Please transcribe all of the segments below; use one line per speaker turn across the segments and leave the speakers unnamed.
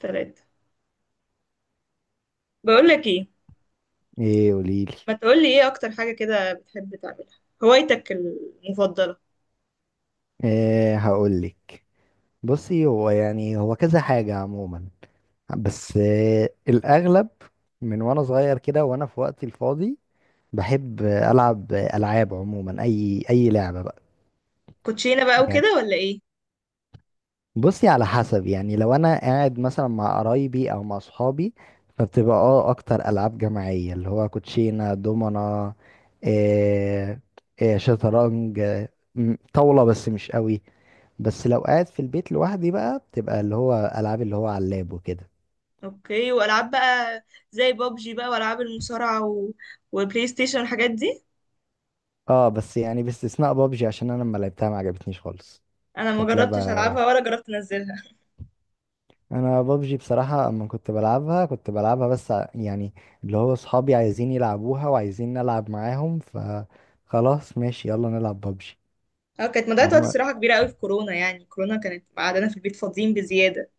ثلاثة. بقول لك ايه؟
ايه؟ قوليلي.
ما تقول لي ايه اكتر حاجة كده بتحب تعملها؟ هوايتك المفضلة؟
ايه هقولك. بصي، هو هو كذا حاجة عموما، بس إيه الأغلب، من وأنا صغير كده وأنا في وقتي الفاضي بحب ألعب ألعاب عموما. أي لعبة بقى.
كوتشينة بقى
يعني
وكده ولا ايه؟
بصي، على حسب، يعني لو أنا قاعد مثلا مع قرايبي أو مع صحابي، فبتبقى أكتر ألعاب جماعية اللي هو كوتشينة، دومنا، إيه، إيه، شطرنج، إيه، طاولة بس مش قوي. بس لو قاعد في البيت لوحدي بقى بتبقى اللي هو العاب اللي هو على اللاب وكده.
اوكي، والعاب بقى زي بابجي بقى والعاب المصارعة وبلاي ستيشن والحاجات دي.
اه، بس يعني باستثناء بابجي، عشان انا لما لعبتها ما عجبتنيش خالص.
انا ما
كانت لعبة
جربتش العبها
وحشة.
ولا جربت انزلها.
انا بابجي بصراحة اما كنت بلعبها كنت بلعبها بس يعني اللي هو صحابي عايزين يلعبوها وعايزين نلعب معاهم، فخلاص ماشي يلا نلعب بابجي.
اه، كانت مضيعة وقت
انما،
صراحة كبيرة قوي في كورونا، يعني كورونا كانت قعدنا في البيت فاضيين بزيادة.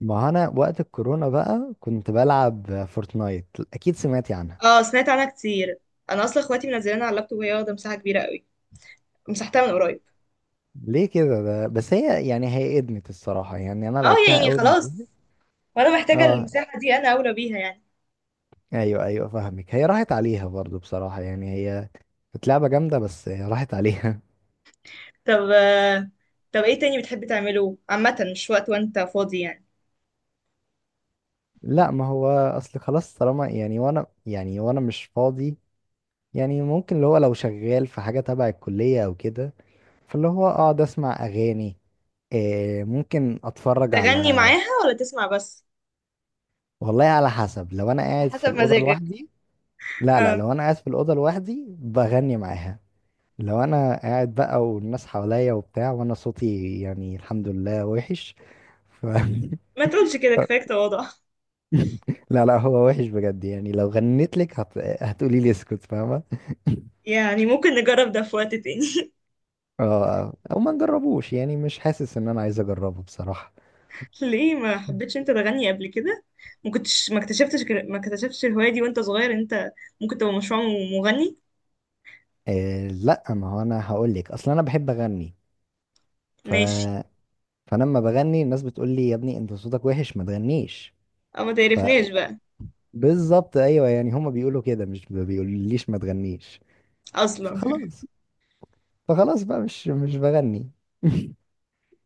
ما انا وقت الكورونا بقى كنت بلعب فورتنايت. اكيد سمعتي عنها.
اه سمعت عنها كتير. انا اصلا اخواتي منزلينها على اللابتوب، وهي واخدة مساحة كبيرة قوي، مسحتها من قريب.
ليه كده؟ ده بس هي هي ادمت الصراحة، يعني انا
اه
لعبتها
يعني
اول ما
خلاص،
نزلت.
وانا محتاجة
اه،
المساحة دي، انا اولى بيها يعني.
ايوه ايوه فاهمك. هي راحت عليها برضو بصراحة، يعني هي كانت لعبة جامدة بس هي راحت عليها.
طب آه، طب ايه تاني بتحب تعمله عامة مش وقت وانت فاضي يعني؟
لا، ما هو اصل خلاص، طالما وانا مش فاضي، يعني ممكن اللي هو لو شغال في حاجة تبع الكلية او كده، فاللي هو اقعد اسمع اغاني، إيه، ممكن اتفرج
تغني
على.
معاها ولا تسمع بس؟
والله على حسب، لو انا قاعد في
حسب
الأوضة
مزاجك.
لوحدي. لا لا،
اه
لو انا قاعد في الأوضة لوحدي بغني معاها. لو انا قاعد بقى والناس حواليا وبتاع، وانا صوتي يعني الحمد لله وحش، ف
ما تقولش كده، كفاية تواضع.
لا لا، هو وحش بجد، يعني لو غنيت لك هتقولي لي اسكت، فاهمه.
يعني ممكن نجرب ده في وقت تاني.
اه، او ما نجربوش، يعني مش حاسس ان انا عايز اجربه بصراحه.
ليه ما حبيتش انت تغني قبل كده؟ ما كنتش ما اكتشفتش الهواية دي وانت صغير؟ انت ممكن تبقى مشروع مغني.
آه لا، ما هو انا هقول لك اصلا انا بحب اغني، ف،
ماشي.
فلما بغني الناس بتقول لي يا ابني انت صوتك وحش ما تغنيش،
او ما
ف،
تعرفناش بقى.
بالظبط ايوه، يعني هما بيقولوا كده، مش ما بيقوليش ما تغنيش.
اصلا.
فخلاص، فخلاص بقى مش بغني.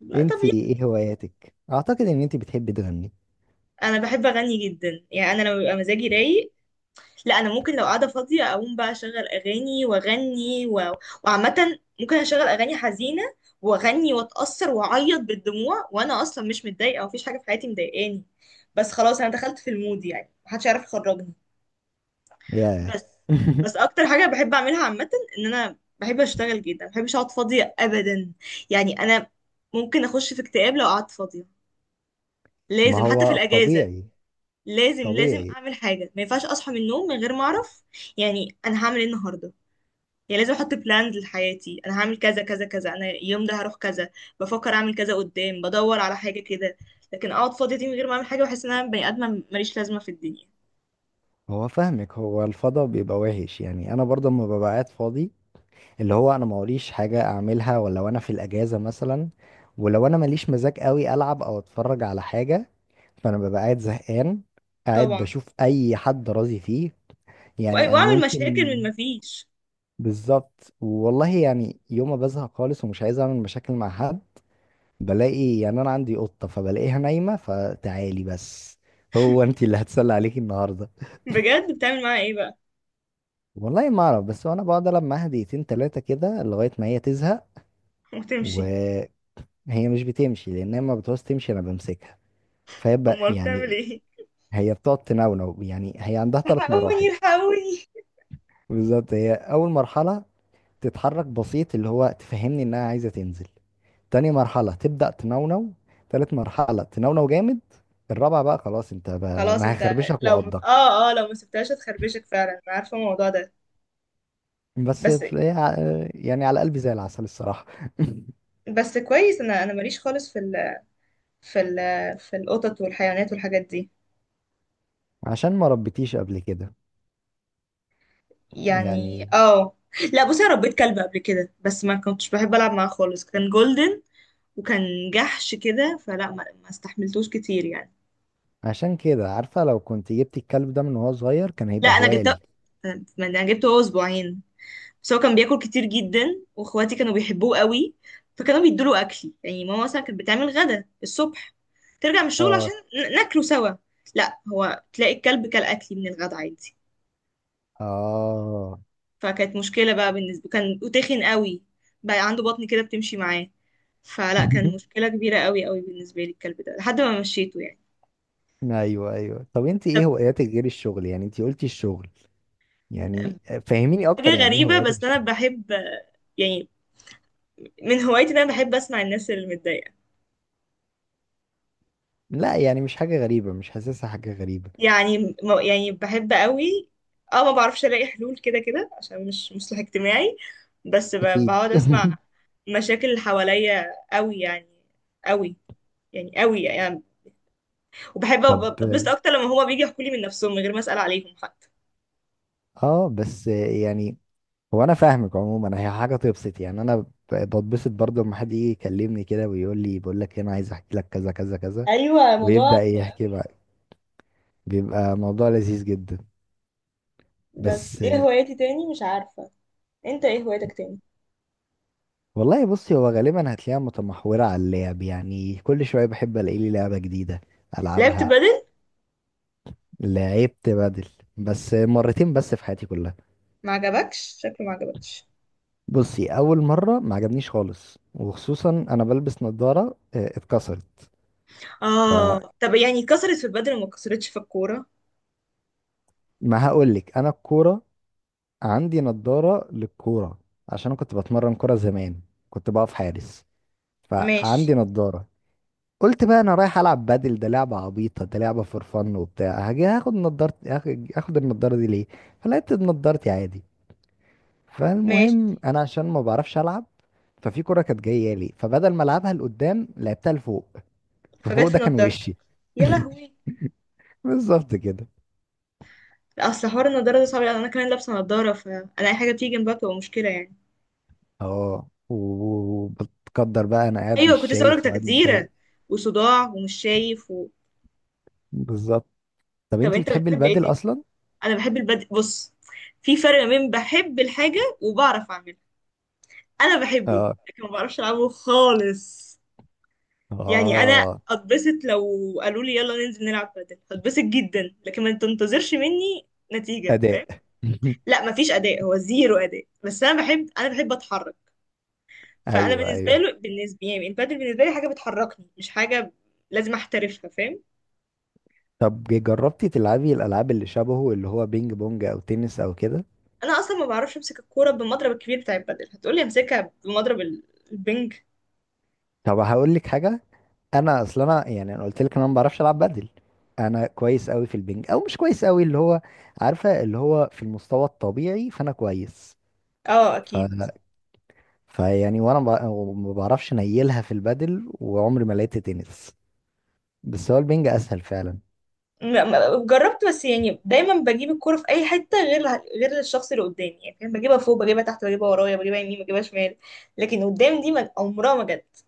لا طب
انت
يلا.
ايه هواياتك؟ اعتقد ان انت بتحبي تغني.
انا بحب اغني جدا، يعني انا لما بيبقى مزاجي رايق، لا انا ممكن لو قاعده فاضيه اقوم بقى اشغل اغاني واغني وعامه ممكن اشغل اغاني حزينه واغني واتاثر واعيط بالدموع، وانا اصلا مش متضايقه ومفيش حاجه في حياتي مضايقاني، بس خلاص انا دخلت في المود، يعني محدش يعرف يخرجني.
ياه.
بس بس اكتر حاجه بحب اعملها عامه ان انا بحب اشتغل جدا، ما بحبش اقعد فاضيه ابدا. يعني انا ممكن اخش في اكتئاب لو قعدت فاضيه.
ما
لازم حتى في
هو
الاجازه
طبيعي.
لازم، لازم
طبيعي.
اعمل حاجه. ما ينفعش اصحى من النوم من غير ما اعرف يعني انا هعمل ايه النهارده. يعني لازم احط بلانز لحياتي، انا هعمل كذا كذا كذا، انا اليوم ده هروح كذا، بفكر اعمل كذا قدام، بدور على حاجه كده. لكن اقعد فاضيه دي من غير ما اعمل حاجه، بحس ان انا بني ادمه ماليش لازمه في الدنيا.
هو فاهمك، هو الفضا بيبقى وحش، يعني انا برضه لما ببقى قاعد فاضي، اللي هو انا موريش حاجه اعملها ولا وانا في الاجازه مثلا، ولو انا ماليش مزاج قوي العب او اتفرج على حاجه، فانا ببقى قاعد زهقان، قاعد
طبعا.
بشوف اي حد راضي فيه، يعني انا
واعمل مشاكل
ممكن.
من ما فيش.
بالظبط والله، يعني يوم ما بزهق خالص ومش عايز اعمل مشاكل مع حد، بلاقي يعني انا عندي قطه فبلاقيها نايمه، فتعالي بس، هو انت اللي هتسلى عليكي النهارده.
بجد بتعمل معاها ايه بقى؟
والله ما اعرف، بس انا بقعد العب معاها دقيقتين تلاتة كده لغاية ما هي تزهق.
وتمشي.
وهي مش بتمشي، لان هي ما بتعوز تمشي، انا بمسكها،
امال بتعمل
يعني
ايه؟
هي بتقعد تنونو، يعني هي عندها ثلاث
الحقوني
مراحل.
الحقوني.
بالظبط، هي اول مرحلة تتحرك بسيط اللي هو تفهمني انها عايزة تنزل، تاني مرحلة تبدأ تنونو، تالت مرحلة تنونو جامد، الرابعة بقى خلاص انت بقى
خلاص
انا
انت،
هخربشك
لو،
وعضك.
اه اه لو ما سبتهاش هتخربشك فعلا، انا عارفه الموضوع ده.
بس
بس.
هي ع- يعني على قلبي زي العسل الصراحة.
بس كويس، انا ماليش خالص في ال في ال في القطط والحيوانات والحاجات دي.
عشان ما ربيتيش قبل كده
يعني
يعني.
اه. لا بصي انا ربيت كلب قبل كده بس ما كنتش بحب العب معاه خالص. كان جولدن وكان جحش كده، فلا ما استحملتوش كتير يعني.
عشان كده عارفة لو كنت جبت الكلب ده من وهو صغير كان
لا
هيبقى
انا
هواية
جبته،
ليك.
ما انا جبته هو اسبوعين. بس هو كان بياكل كتير جدا، واخواتي كانوا بيحبوه قوي فكانوا بيدوله اكلي، يعني ماما مثلا كانت بتعمل غدا الصبح ترجع من الشغل عشان
اه
ناكله سوا. لا هو تلاقي الكلب كل اكلي من الغدا عادي.
اه.
فكانت مشكلة بقى بالنسبة، كان وتخن قوي، بقى عنده بطن كده بتمشي معاه. فلا كان مشكلة كبيرة قوي قوي بالنسبة لي الكلب ده، لحد ما مشيته يعني.
ايوه ايوه، طب انت ايه
طب.
هواياتك غير الشغل؟ يعني انت قلتي الشغل، يعني فهميني اكتر،
حاجة
يعني ايه
غريبة،
هواياتك؟
بس أنا
الشغل؟
بحب يعني من هوايتي إن أنا بحب أسمع الناس اللي متضايقة.
لا يعني مش حاجة غريبة، مش حاسسها حاجة غريبة.
يعني بحب قوي، اه، ما بعرفش ألاقي حلول كده، كده عشان مش مصلح اجتماعي، بس
اكيد.
بقعد أسمع مشاكل اللي حواليا قوي يعني، قوي يعني، قوي يعني.
طب
بتبسط اكتر لما هما بيجي يحكوا لي من نفسهم من غير ما اسال عليهم حتى.
اه، بس يعني هو انا فاهمك عموما، هي حاجة تبسط، يعني بتبسط برضه لما حد يجي يكلمني كده ويقول لي بقول لك انا عايز احكي لك كذا كذا كذا،
ايوه موضوع.
ويبدأ يحكي بقى، بيبقى موضوع لذيذ جدا.
بس
بس
ايه هوايتي تاني مش عارفه. انت ايه هوايتك تاني؟
والله بصي، هو غالبا هتلاقيها متمحورة على اللعب، يعني كل شوية بحب الاقي لي لعبة جديدة
لعبت
العبها.
بدل.
لعبت بدل، بس مرتين بس في حياتي كلها.
ما عجبكش شكله؟ ما عجبكش.
بصي، اول مرة ما عجبنيش خالص، وخصوصا انا بلبس نظارة، آه، اتكسرت.
اه
فما،
طب يعني كسرت في البدل وما كسرتش في الكوره؟
هقولك انا الكورة، عندي نظارة للكورة، عشان انا كنت بتمرن كورة زمان، كنت بقف حارس،
ماشي.
فعندي نظارة. قلت بقى انا رايح العب بادل، ده لعبه عبيطه، ده لعبه فور فن وبتاع، هاجي هاخد نضارتي، هاخد النضاره دي ليه؟ فلقيت نضارتي عادي.
ماشي.
فالمهم انا عشان ما بعرفش العب، ففي كره كانت جايه لي، فبدل ما العبها لقدام لعبتها لفوق. ففوق
فجت
ده
في
كان
نضارتك؟
وشي.
يا لهوي.
بالظبط كده.
لا اصل حوار النضاره ده صعب، لأن انا كمان لابسه نضاره، فانا اي حاجه تيجي جنبها بتبقى مشكله يعني.
اه و- وبتقدر بقى انا قاعد مش
ايوه كنت لسه هقولك
شايف وقاعد
تجزيره
متضايق.
وصداع ومش شايف و...
بالظبط. طب
طب
انت
انت
بتحبي
بتحب
البادل
ايه؟
اصلا؟
انا بحب البدء. بص، في فرق ما بين بحب الحاجه وبعرف اعملها. انا بحبه
اه
لكن ما بعرفش العبه خالص. يعني انا
اه.
اتبسط لو قالوا لي يلا ننزل نلعب بادل، هتبسط جدا، لكن ما تنتظرش مني نتيجه،
اداء.
فاهم؟ لا ما فيش اداء، هو زيرو اداء، بس انا بحب، انا بحب اتحرك. فانا
ايوه
بالنسبه
ايوه،
له بالنسبه يعني البادل بالنسبه لي حاجه بتحركني، مش حاجه لازم احترفها، فاهم؟
طب جربتي تلعبي الالعاب اللي شبهه اللي هو بينج بونج او تنس او كده؟
انا اصلا ما بعرفش امسك الكوره بالمضرب الكبير بتاع البادل، هتقولي امسكها بمضرب البنج؟
طب هقول لك حاجه، انا قلت لك انا ما بعرفش العب بدل. انا كويس قوي في البينج، او مش كويس قوي اللي هو، عارفه اللي هو في المستوى الطبيعي، فانا كويس،
اه
ف،
اكيد.
فيعني وانا ب- ما بعرفش نيلها في البدل، وعمري ما لقيت تنس، بس هو البينج اسهل فعلا.
جربت بس يعني دايما بجيب الكرة في اي حتة غير الشخص اللي قدامي، يعني فاهم؟ بجيبها فوق، بجيبها تحت، بجيبها ورايا، بجيبها يمين، بجيبها شمال، لكن قدام دي عمرها ما جت.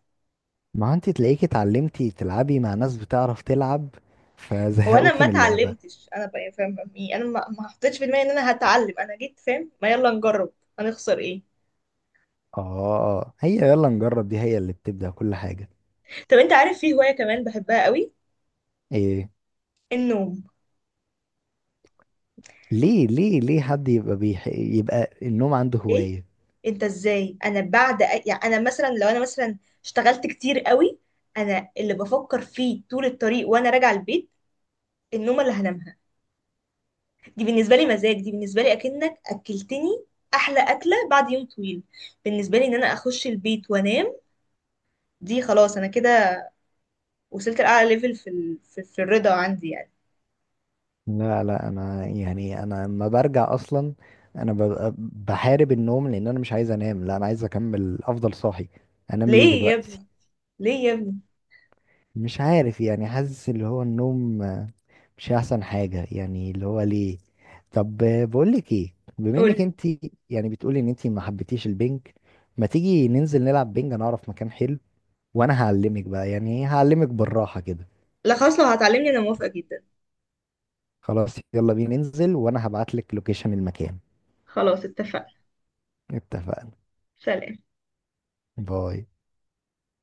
ما هو انت تلاقيكي اتعلمتي تلعبي مع ناس بتعرف تلعب،
وانا
فزهقوكي
ما
من اللعبه.
اتعلمتش انا بقى فاهم، يعني انا ما حطيتش في دماغي ان انا هتعلم، انا جيت فاهم ما يلا نجرب، هنخسر ايه.
اه، هي يلا نجرب دي هي اللي بتبدأ كل حاجة.
طب انت عارف في هواية كمان بحبها قوي؟
ايه؟
النوم.
ليه حد يبقى يبقى النوم عنده
ايه
هواية؟
انت ازاي؟ انا بعد يعني انا مثلا، لو انا مثلا اشتغلت كتير قوي، انا اللي بفكر فيه طول الطريق وانا راجعه البيت النوم اللي هنام. دي بالنسبة لي مزاج، دي بالنسبة لي أكنك أكلتني أحلى أكلة بعد يوم طويل. بالنسبة لي إن أنا أخش البيت وأنام دي خلاص، أنا كده وصلت لأعلى ليفل في, في, في الرضا عندي يعني.
لا لا، انا يعني انا لما برجع اصلا انا ببقى بحارب النوم، لان انا مش عايز انام، لا انا عايز اكمل افضل صاحي، انام ليه
ليه يا
دلوقتي؟
ابني، ليه يا ابني؟
مش عارف، يعني حاسس اللي هو النوم، آه، مش احسن حاجة، يعني اللي هو ليه. طب آه، بقولك ايه، بما انك
قولي.
انت، يعني بتقولي ان انت ما حبيتيش البنك، ما تيجي ننزل نلعب بنج؟ انا اعرف مكان حلو، وانا هعلمك بقى، يعني ايه، هعلمك بالراحة كده.
لا خلاص لو هتعلمني أنا موافقة جدا.
خلاص يلا بينا ننزل، وانا هبعت لك لوكيشن المكان.
خلاص اتفقنا.
اتفقنا.
سلام.
باي.